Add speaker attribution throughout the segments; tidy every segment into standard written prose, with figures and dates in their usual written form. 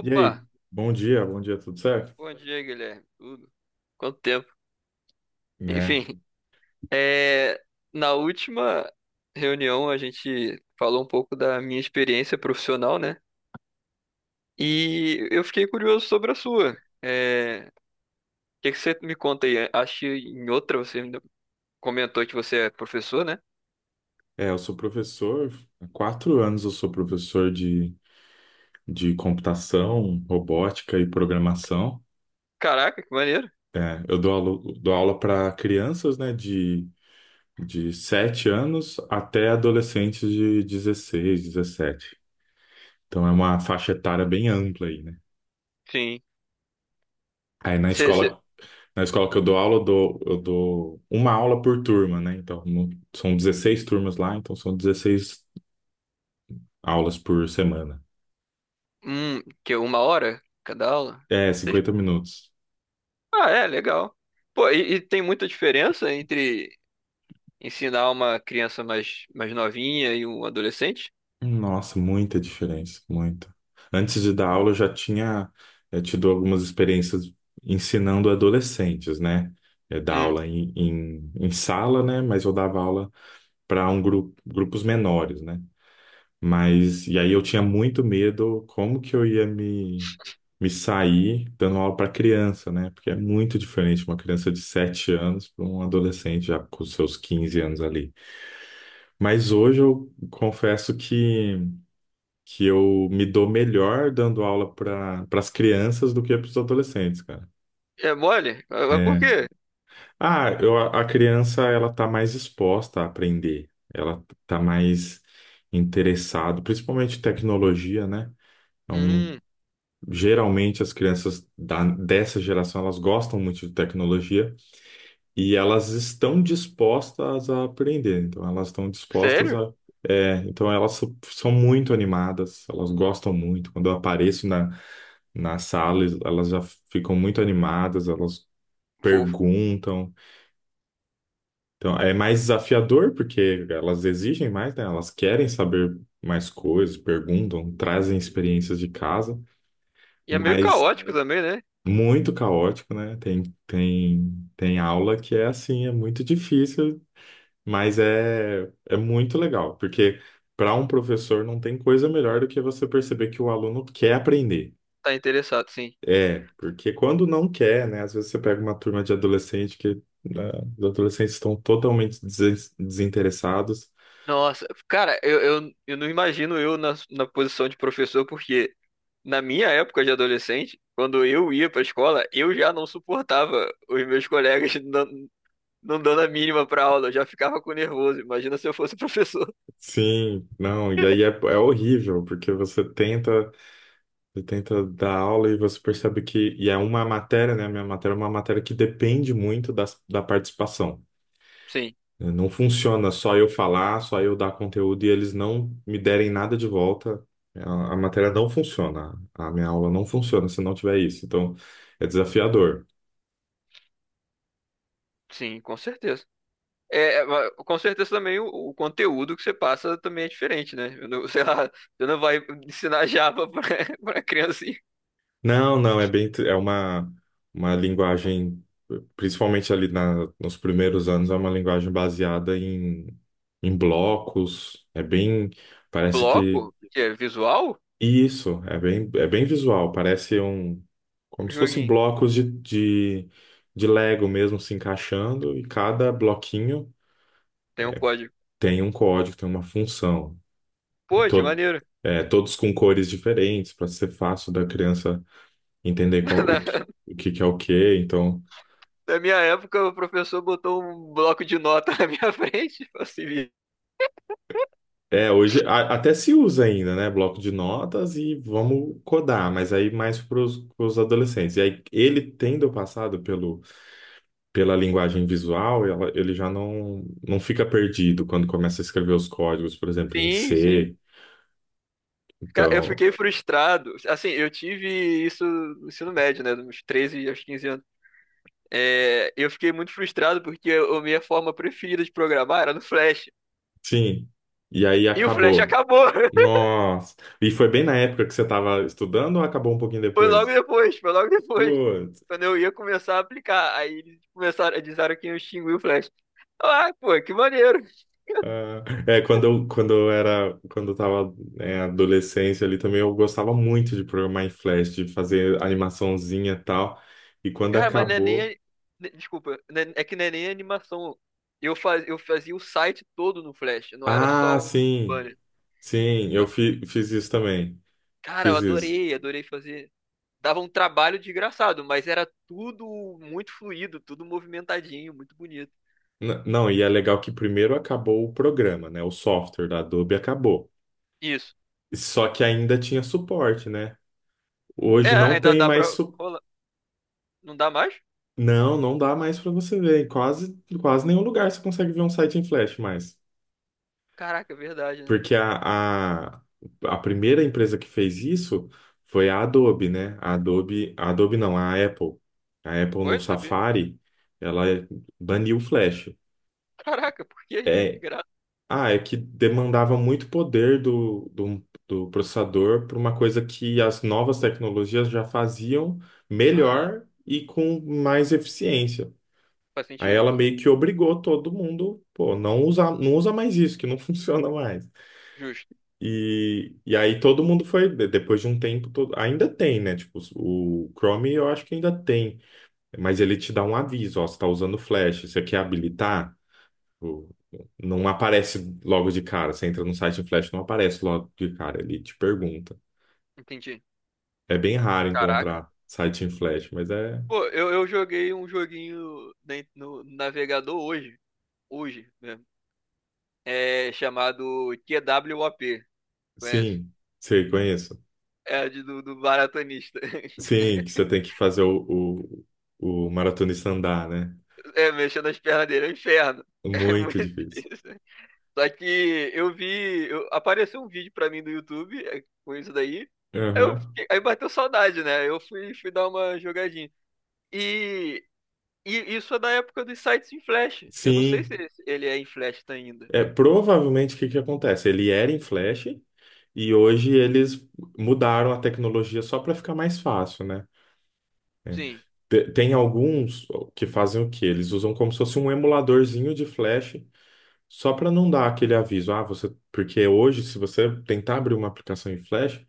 Speaker 1: E aí, bom dia, tudo certo?
Speaker 2: Bom dia, Guilherme. Tudo? Quanto tempo?
Speaker 1: Né?
Speaker 2: Enfim, é, na última reunião a gente falou um pouco da minha experiência profissional, né? E eu fiquei curioso sobre a sua. O que que você me conta aí? Acho que em outra você ainda comentou que você é professor, né?
Speaker 1: É, eu sou professor, há 4 anos eu sou professor de, computação, robótica e programação.
Speaker 2: Caraca, que maneiro.
Speaker 1: É, eu dou aula para crianças, né, de 7 anos até adolescentes de 16, 17. Então é uma faixa etária bem ampla aí, né?
Speaker 2: Sim.
Speaker 1: Aí na
Speaker 2: Você, você...
Speaker 1: escola, na escola que eu dou aula, eu dou uma aula por turma, né? Então são 16 turmas lá, então são 16 aulas por semana.
Speaker 2: Que é uma hora cada aula?
Speaker 1: É,
Speaker 2: Vocês-
Speaker 1: 50 minutos.
Speaker 2: Ah, é, legal. Pô, e tem muita diferença entre ensinar uma criança mais novinha e um adolescente?
Speaker 1: Nossa, muita diferença, muita. Antes de dar aula, eu já tinha tido algumas experiências ensinando adolescentes, né? Dar
Speaker 2: Hum.
Speaker 1: aula em sala, né? Mas eu dava aula para um grupo, grupos menores, né? Mas, e aí eu tinha muito medo como que eu ia me sair dando aula para criança, né? Porque é muito diferente uma criança de 7 anos para um adolescente já com seus 15 anos ali. Mas hoje eu confesso que eu me dou melhor dando aula para as crianças do que para os adolescentes, cara.
Speaker 2: É mole? Ah, mas por
Speaker 1: É.
Speaker 2: quê?
Speaker 1: Ah, a criança ela tá mais exposta a aprender, ela tá mais interessada, principalmente tecnologia, né? Então,
Speaker 2: Hum.
Speaker 1: geralmente as crianças dessa geração elas gostam muito de tecnologia. E elas estão dispostas a aprender, então elas estão dispostas
Speaker 2: Sério?
Speaker 1: a. É, então elas são muito animadas, elas gostam muito. Quando eu apareço na sala, elas já ficam muito animadas, elas
Speaker 2: Fofo.
Speaker 1: perguntam. Então é mais desafiador, porque elas exigem mais, né? Elas querem saber mais coisas, perguntam, trazem experiências de casa,
Speaker 2: E é meio
Speaker 1: mas
Speaker 2: caótico também, né?
Speaker 1: muito caótico, né? Tem aula que é assim, é muito difícil. Mas é muito legal, porque para um professor não tem coisa melhor do que você perceber que o aluno quer aprender.
Speaker 2: Tá interessado, sim.
Speaker 1: É, porque quando não quer, né? Às vezes você pega uma turma de adolescente que né, os adolescentes estão totalmente desinteressados.
Speaker 2: Nossa, cara, eu não imagino eu na posição de professor, porque na minha época de adolescente, quando eu ia pra escola, eu já não suportava os meus colegas não dando a mínima pra aula, eu já ficava com nervoso. Imagina se eu fosse professor.
Speaker 1: Sim, não, e aí é horrível, porque você tenta dar aula e você percebe que, e é uma matéria, né? A minha matéria é uma matéria que depende muito da participação.
Speaker 2: Sim,
Speaker 1: Não funciona só eu falar, só eu dar conteúdo e eles não me derem nada de volta. A matéria não funciona. A minha aula não funciona se não tiver isso. Então, é desafiador.
Speaker 2: sim, com certeza. É, mas com certeza também o conteúdo que você passa também é diferente, né? Eu não- sei lá, você não vai ensinar Java pra, pra criancinha.
Speaker 1: Não, não, é bem, é uma linguagem, principalmente ali nos primeiros anos, é uma linguagem baseada em blocos. É bem, parece que.
Speaker 2: Bloco, que é visual,
Speaker 1: Isso, é bem visual, parece um, como se fosse
Speaker 2: joguinho,
Speaker 1: blocos de Lego mesmo se encaixando, e cada bloquinho
Speaker 2: tem um código.
Speaker 1: tem um código, tem uma função. E
Speaker 2: Pô, que maneiro.
Speaker 1: é, todos com cores diferentes, para ser fácil da criança entender qual, o que que é o que. Então,
Speaker 2: Na minha época, o professor botou um bloco de nota na minha frente, falou assim,
Speaker 1: é, hoje até se usa ainda, né? Bloco de notas e vamos codar, mas aí mais para os adolescentes. E aí, ele tendo passado pelo. Pela linguagem visual, ele já não fica perdido quando começa a escrever os códigos, por exemplo, em
Speaker 2: sim, sim.
Speaker 1: C.
Speaker 2: Eu
Speaker 1: Então,
Speaker 2: fiquei frustrado. Assim, eu tive isso no ensino médio, né? Dos 13 aos 15 anos. É, eu fiquei muito frustrado porque a minha forma preferida de programar era no Flash.
Speaker 1: sim. E aí
Speaker 2: E o flash
Speaker 1: acabou.
Speaker 2: acabou.
Speaker 1: Nossa. E foi bem na época que você estava estudando ou acabou um pouquinho
Speaker 2: Foi logo
Speaker 1: depois?
Speaker 2: depois, foi logo depois.
Speaker 1: Putz.
Speaker 2: Quando eu ia começar a aplicar. Aí eles começaram, disseram que eu extingui o flash. Ah, pô, que maneiro.
Speaker 1: Ah, é, quando eu tava, né, adolescência ali também, eu gostava muito de programar em Flash, de fazer animaçãozinha e tal. E quando
Speaker 2: Cara, mas não é nem.
Speaker 1: acabou.
Speaker 2: Desculpa, não é que não é nem a animação. Eu fazia o site todo no flash, não era só
Speaker 1: Ah,
Speaker 2: um
Speaker 1: sim,
Speaker 2: banner.
Speaker 1: sim, eu
Speaker 2: Na-
Speaker 1: fiz isso também.
Speaker 2: Cara, eu
Speaker 1: Fiz isso.
Speaker 2: adorei, adorei fazer. Dava um trabalho desgraçado, mas era tudo muito fluido, tudo movimentadinho, muito bonito.
Speaker 1: Não, e é legal que primeiro acabou o programa, né? O software da Adobe acabou.
Speaker 2: Isso.
Speaker 1: Só que ainda tinha suporte, né?
Speaker 2: É,
Speaker 1: Hoje não
Speaker 2: ainda
Speaker 1: tem
Speaker 2: dá
Speaker 1: mais
Speaker 2: pra
Speaker 1: su...
Speaker 2: rolar. Não dá mais?
Speaker 1: Não, não dá mais para você ver. Em quase, quase nenhum lugar você consegue ver um site em Flash mais.
Speaker 2: Caraca, é verdade, né?
Speaker 1: Porque a primeira empresa que fez isso foi a Adobe, né? A Adobe não, a Apple. A Apple
Speaker 2: Oi,
Speaker 1: no
Speaker 2: não sabia.
Speaker 1: Safari, ela baniu o Flash.
Speaker 2: Caraca, por quê? De
Speaker 1: É,
Speaker 2: graça.
Speaker 1: ah, é que demandava muito poder do processador para uma coisa que as novas tecnologias já faziam
Speaker 2: Ah,
Speaker 1: melhor e com mais eficiência.
Speaker 2: faz
Speaker 1: Aí
Speaker 2: sentido
Speaker 1: ela
Speaker 2: então.
Speaker 1: meio que obrigou todo mundo, pô, não usa, não usa mais isso, que não funciona mais.
Speaker 2: Justo.
Speaker 1: E aí todo mundo foi, depois de um tempo, todo, ainda tem, né? Tipo, o Chrome eu acho que ainda tem, mas ele te dá um aviso, ó, você está usando flash, você quer habilitar? Tipo, não aparece logo de cara. Você entra no site em flash, não aparece logo de cara. Ele te pergunta.
Speaker 2: Entendi.
Speaker 1: É bem raro
Speaker 2: Caraca.
Speaker 1: encontrar site em flash, mas é.
Speaker 2: Pô, eu joguei um joguinho na no navegador hoje. Hoje mesmo. É chamado QWOP. Conhece?
Speaker 1: Sim, você conhece.
Speaker 2: É a do maratonista.
Speaker 1: Sim, que você tem que fazer o maratonista andar, né?
Speaker 2: É, mexendo as pernas dele é um inferno. É muito
Speaker 1: Muito difícil.
Speaker 2: difícil. Só que eu vi. Apareceu um vídeo pra mim do YouTube, com isso daí. Aí,
Speaker 1: Aham.
Speaker 2: aí bateu saudade, né? Eu fui dar uma jogadinha. E, e isso é da época dos sites em Flash. Eu não sei se
Speaker 1: Sim.
Speaker 2: ele é em Flash tá ainda.
Speaker 1: É, provavelmente o que que acontece? Ele era em flash e hoje eles mudaram a tecnologia só para ficar mais fácil, né?
Speaker 2: Sim,
Speaker 1: Tem alguns que fazem o quê? Eles usam como se fosse um emuladorzinho de Flash, só para não dar aquele aviso. Ah, você. Porque hoje, se você tentar abrir uma aplicação em Flash,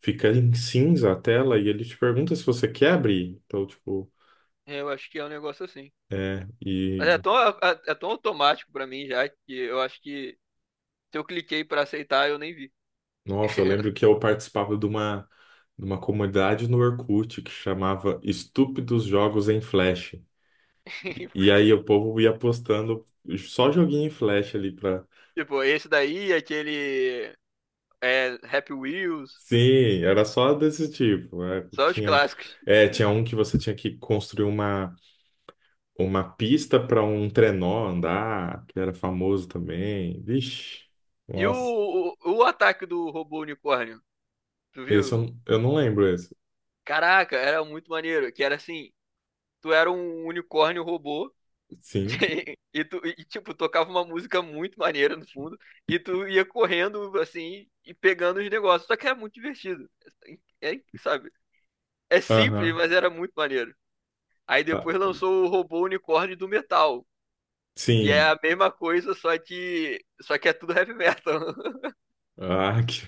Speaker 1: fica em cinza a tela e ele te pergunta se você quer abrir. Então, tipo,
Speaker 2: eu acho que é um negócio assim.
Speaker 1: é.
Speaker 2: Mas é
Speaker 1: E,
Speaker 2: tão, é tão automático pra mim já que eu acho que se eu cliquei pra aceitar, eu nem vi.
Speaker 1: nossa, eu lembro que eu participava de uma comunidade no Orkut que chamava Estúpidos Jogos em Flash. E aí
Speaker 2: Porque,
Speaker 1: o povo ia postando só joguinho em Flash ali.
Speaker 2: tipo, esse daí, aquele é, Happy Wheels,
Speaker 1: Sim, era só desse tipo. é,
Speaker 2: só os
Speaker 1: tinha,
Speaker 2: clássicos.
Speaker 1: é, tinha um que você tinha que construir uma pista para um trenó andar, que era famoso também. Vixe,
Speaker 2: E o,
Speaker 1: nossa.
Speaker 2: o, o ataque do robô unicórnio, tu
Speaker 1: Esse
Speaker 2: viu?
Speaker 1: eu não lembro esse.
Speaker 2: Caraca, era muito maneiro. Que era assim, tu era um unicórnio robô
Speaker 1: Sim.
Speaker 2: E, tipo, tocava uma música muito maneira no fundo, e tu ia correndo assim e pegando os negócios. Só que era muito divertido. É, é, sabe? É simples,
Speaker 1: Aham.
Speaker 2: mas era muito maneiro. Aí
Speaker 1: Ah,
Speaker 2: depois lançou o Robô Unicórnio do Metal, que é
Speaker 1: sim.
Speaker 2: a mesma coisa, só que é tudo heavy metal.
Speaker 1: Ah, que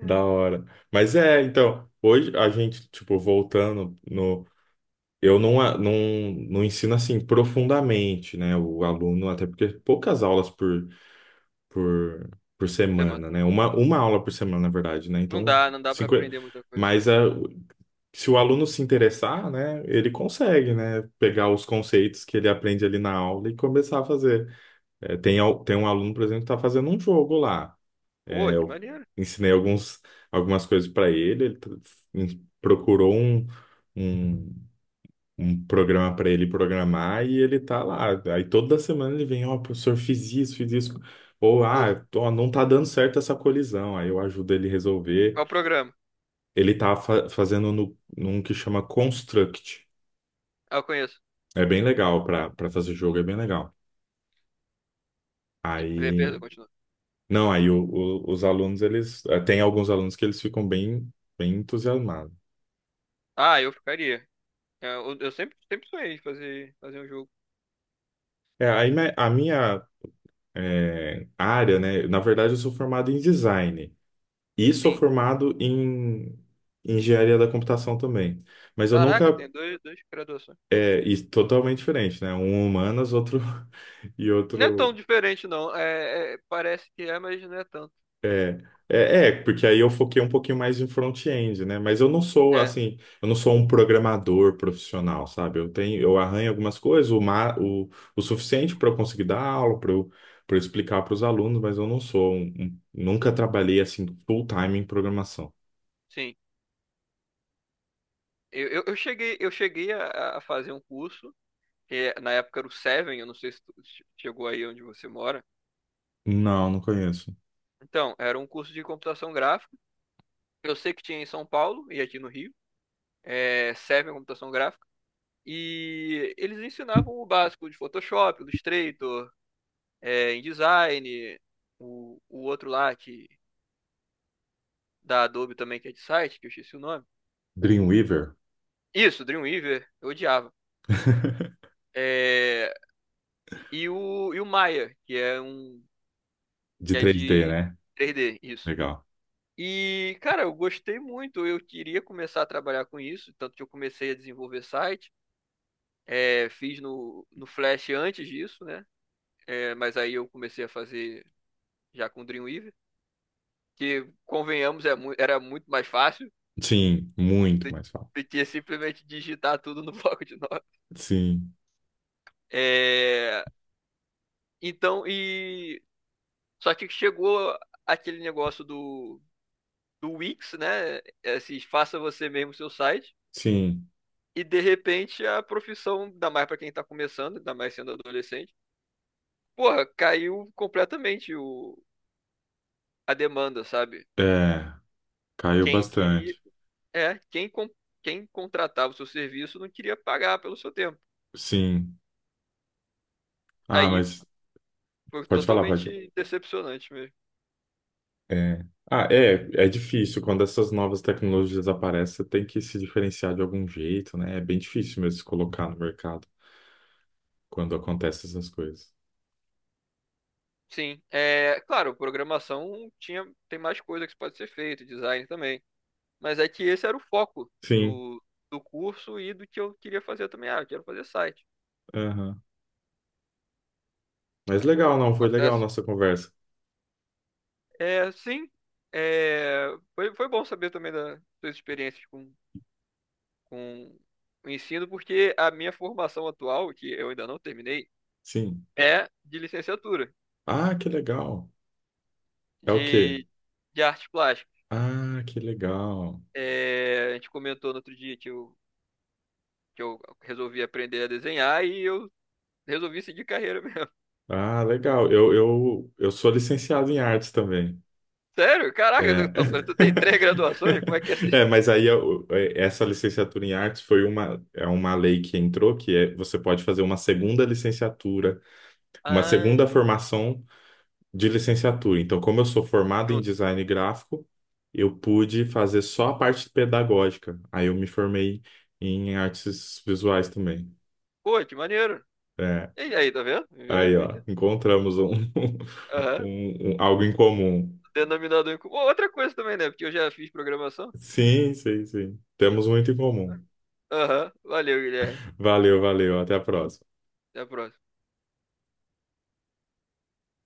Speaker 1: da hora. Mas é, então, hoje a gente, tipo, voltando no. Eu não ensino assim profundamente, né? O aluno, até porque poucas aulas por por, por
Speaker 2: Você, mano,
Speaker 1: semana, né? Uma aula por semana, na verdade, né?
Speaker 2: não
Speaker 1: Então,
Speaker 2: dá, não dá para
Speaker 1: 50,
Speaker 2: aprender muita coisa.
Speaker 1: mas se o aluno se interessar, né, ele consegue, né, pegar os conceitos que ele aprende ali na aula e começar a fazer. Tem um aluno, por exemplo, que está fazendo um jogo lá. Eh,
Speaker 2: Pô, que
Speaker 1: eu
Speaker 2: maneiro.
Speaker 1: ensinei alguns, algumas coisas para ele, ele procurou um um programa para ele programar e ele tá lá. Aí toda semana ele vem, ó, professor, fiz isso, fiz isso. Ou,
Speaker 2: Fofo.
Speaker 1: ah, ó, não tá dando certo essa colisão. Aí eu ajudo ele resolver.
Speaker 2: Qual o programa?
Speaker 1: Ele tá fazendo no, num que chama Construct.
Speaker 2: Ah, eu conheço.
Speaker 1: É bem legal para fazer jogo, é bem legal.
Speaker 2: É,
Speaker 1: Aí,
Speaker 2: perdão, continua.
Speaker 1: não, aí os alunos, eles, tem alguns alunos que eles ficam bem, bem entusiasmados.
Speaker 2: Ah, eu ficaria. É, eu sempre, sempre sonhei em fazer um jogo.
Speaker 1: É, aí a minha área, né, na verdade eu sou formado em design. E sou
Speaker 2: Sim.
Speaker 1: formado em engenharia da computação também. Mas eu
Speaker 2: Caraca,
Speaker 1: nunca.
Speaker 2: tem dois graduações.
Speaker 1: É, e totalmente diferente, né? Um humanas, outro. E
Speaker 2: Não é tão
Speaker 1: outro.
Speaker 2: diferente, não. É, parece que é, mas não é tanto.
Speaker 1: É, é, porque aí eu foquei um pouquinho mais em front-end, né? Mas eu não sou,
Speaker 2: É,
Speaker 1: assim. Eu não sou um programador profissional, sabe? Eu tenho, eu arranho algumas coisas, o suficiente para eu conseguir dar aula, para explicar para os alunos, mas eu não sou. Nunca trabalhei, assim, full-time em programação.
Speaker 2: sim. Eu cheguei a fazer um curso, que na época era o Seven, eu não sei se tu chegou aí onde você mora.
Speaker 1: Não, não conheço.
Speaker 2: Então, era um curso de computação gráfica. Eu sei que tinha em São Paulo e aqui no Rio. É, Seven Computação Gráfica. E eles ensinavam o básico de Photoshop, Illustrator, InDesign, o outro lá que, da Adobe também, que é de site, que eu esqueci o nome.
Speaker 1: Dreamweaver?
Speaker 2: Isso, Dreamweaver, eu odiava. É, e o Maya, que é um.
Speaker 1: De
Speaker 2: Que é
Speaker 1: 3D
Speaker 2: de
Speaker 1: né?
Speaker 2: 3D, isso.
Speaker 1: Legal.
Speaker 2: E, cara, eu gostei muito, eu queria começar a trabalhar com isso, tanto que eu comecei a desenvolver site. É, fiz no Flash antes disso, né? É, mas aí eu comecei a fazer já com Dreamweaver, que, convenhamos, era muito mais fácil
Speaker 1: Sim, muito
Speaker 2: do
Speaker 1: mais fácil.
Speaker 2: do que simplesmente digitar tudo no bloco de notas.
Speaker 1: Sim,
Speaker 2: É, então, só que chegou aquele negócio do Wix, né? Esses faça você mesmo seu site.
Speaker 1: sim.
Speaker 2: E de repente a profissão, ainda mais para quem tá começando, ainda mais sendo adolescente, porra, caiu completamente a demanda, sabe?
Speaker 1: É, caiu
Speaker 2: Quem queria.
Speaker 1: bastante.
Speaker 2: É, quem contratava o seu serviço não queria pagar pelo seu tempo.
Speaker 1: Sim. Ah,
Speaker 2: Aí
Speaker 1: mas
Speaker 2: foi
Speaker 1: pode falar, pode falar.
Speaker 2: totalmente decepcionante mesmo.
Speaker 1: É. Ah, é difícil. Quando essas novas tecnologias aparecem, você tem que se diferenciar de algum jeito, né? É bem difícil mesmo se colocar no mercado quando acontecem essas coisas.
Speaker 2: Sim, claro, programação tem mais coisa que pode ser feito, design também. Mas é que esse era o foco
Speaker 1: Sim.
Speaker 2: do curso e do que eu queria fazer também. Ah, eu quero fazer site.
Speaker 1: Aham. Mas
Speaker 2: É,
Speaker 1: legal, não, foi legal a
Speaker 2: acontece.
Speaker 1: nossa conversa.
Speaker 2: É, sim, é, foi bom saber também das suas experiências com o ensino, porque a minha formação atual, que eu ainda não terminei,
Speaker 1: Sim.
Speaker 2: é de licenciatura,
Speaker 1: Ah, que legal. É o quê?
Speaker 2: de, de artes plásticas.
Speaker 1: Ah, que legal.
Speaker 2: É, a gente comentou no outro dia que eu resolvi aprender a desenhar e eu resolvi seguir carreira mesmo.
Speaker 1: Ah, legal. Eu sou licenciado em artes também.
Speaker 2: Sério? Caraca,
Speaker 1: É.
Speaker 2: tu tem três graduações? Como é que é assim?
Speaker 1: É, mas aí essa licenciatura em artes foi uma, é uma lei que entrou, que é, você pode fazer uma segunda licenciatura, uma
Speaker 2: Ah,
Speaker 1: segunda formação de licenciatura. Então, como eu sou formado em
Speaker 2: junto.
Speaker 1: design gráfico, eu pude fazer só a parte pedagógica. Aí eu me formei em artes visuais também.
Speaker 2: Pô, que maneiro.
Speaker 1: É,
Speaker 2: E aí, tá vendo? Vivendo e
Speaker 1: aí, ó,
Speaker 2: aprendendo.
Speaker 1: encontramos um,
Speaker 2: Aham.
Speaker 1: algo em comum.
Speaker 2: Denominador em comum. Outra coisa também, né? Porque eu já fiz programação.
Speaker 1: Sim, sim, sim. Temos muito em comum.
Speaker 2: Aham. Valeu, Guilherme.
Speaker 1: Valeu, valeu. Até a próxima.
Speaker 2: Até a próxima.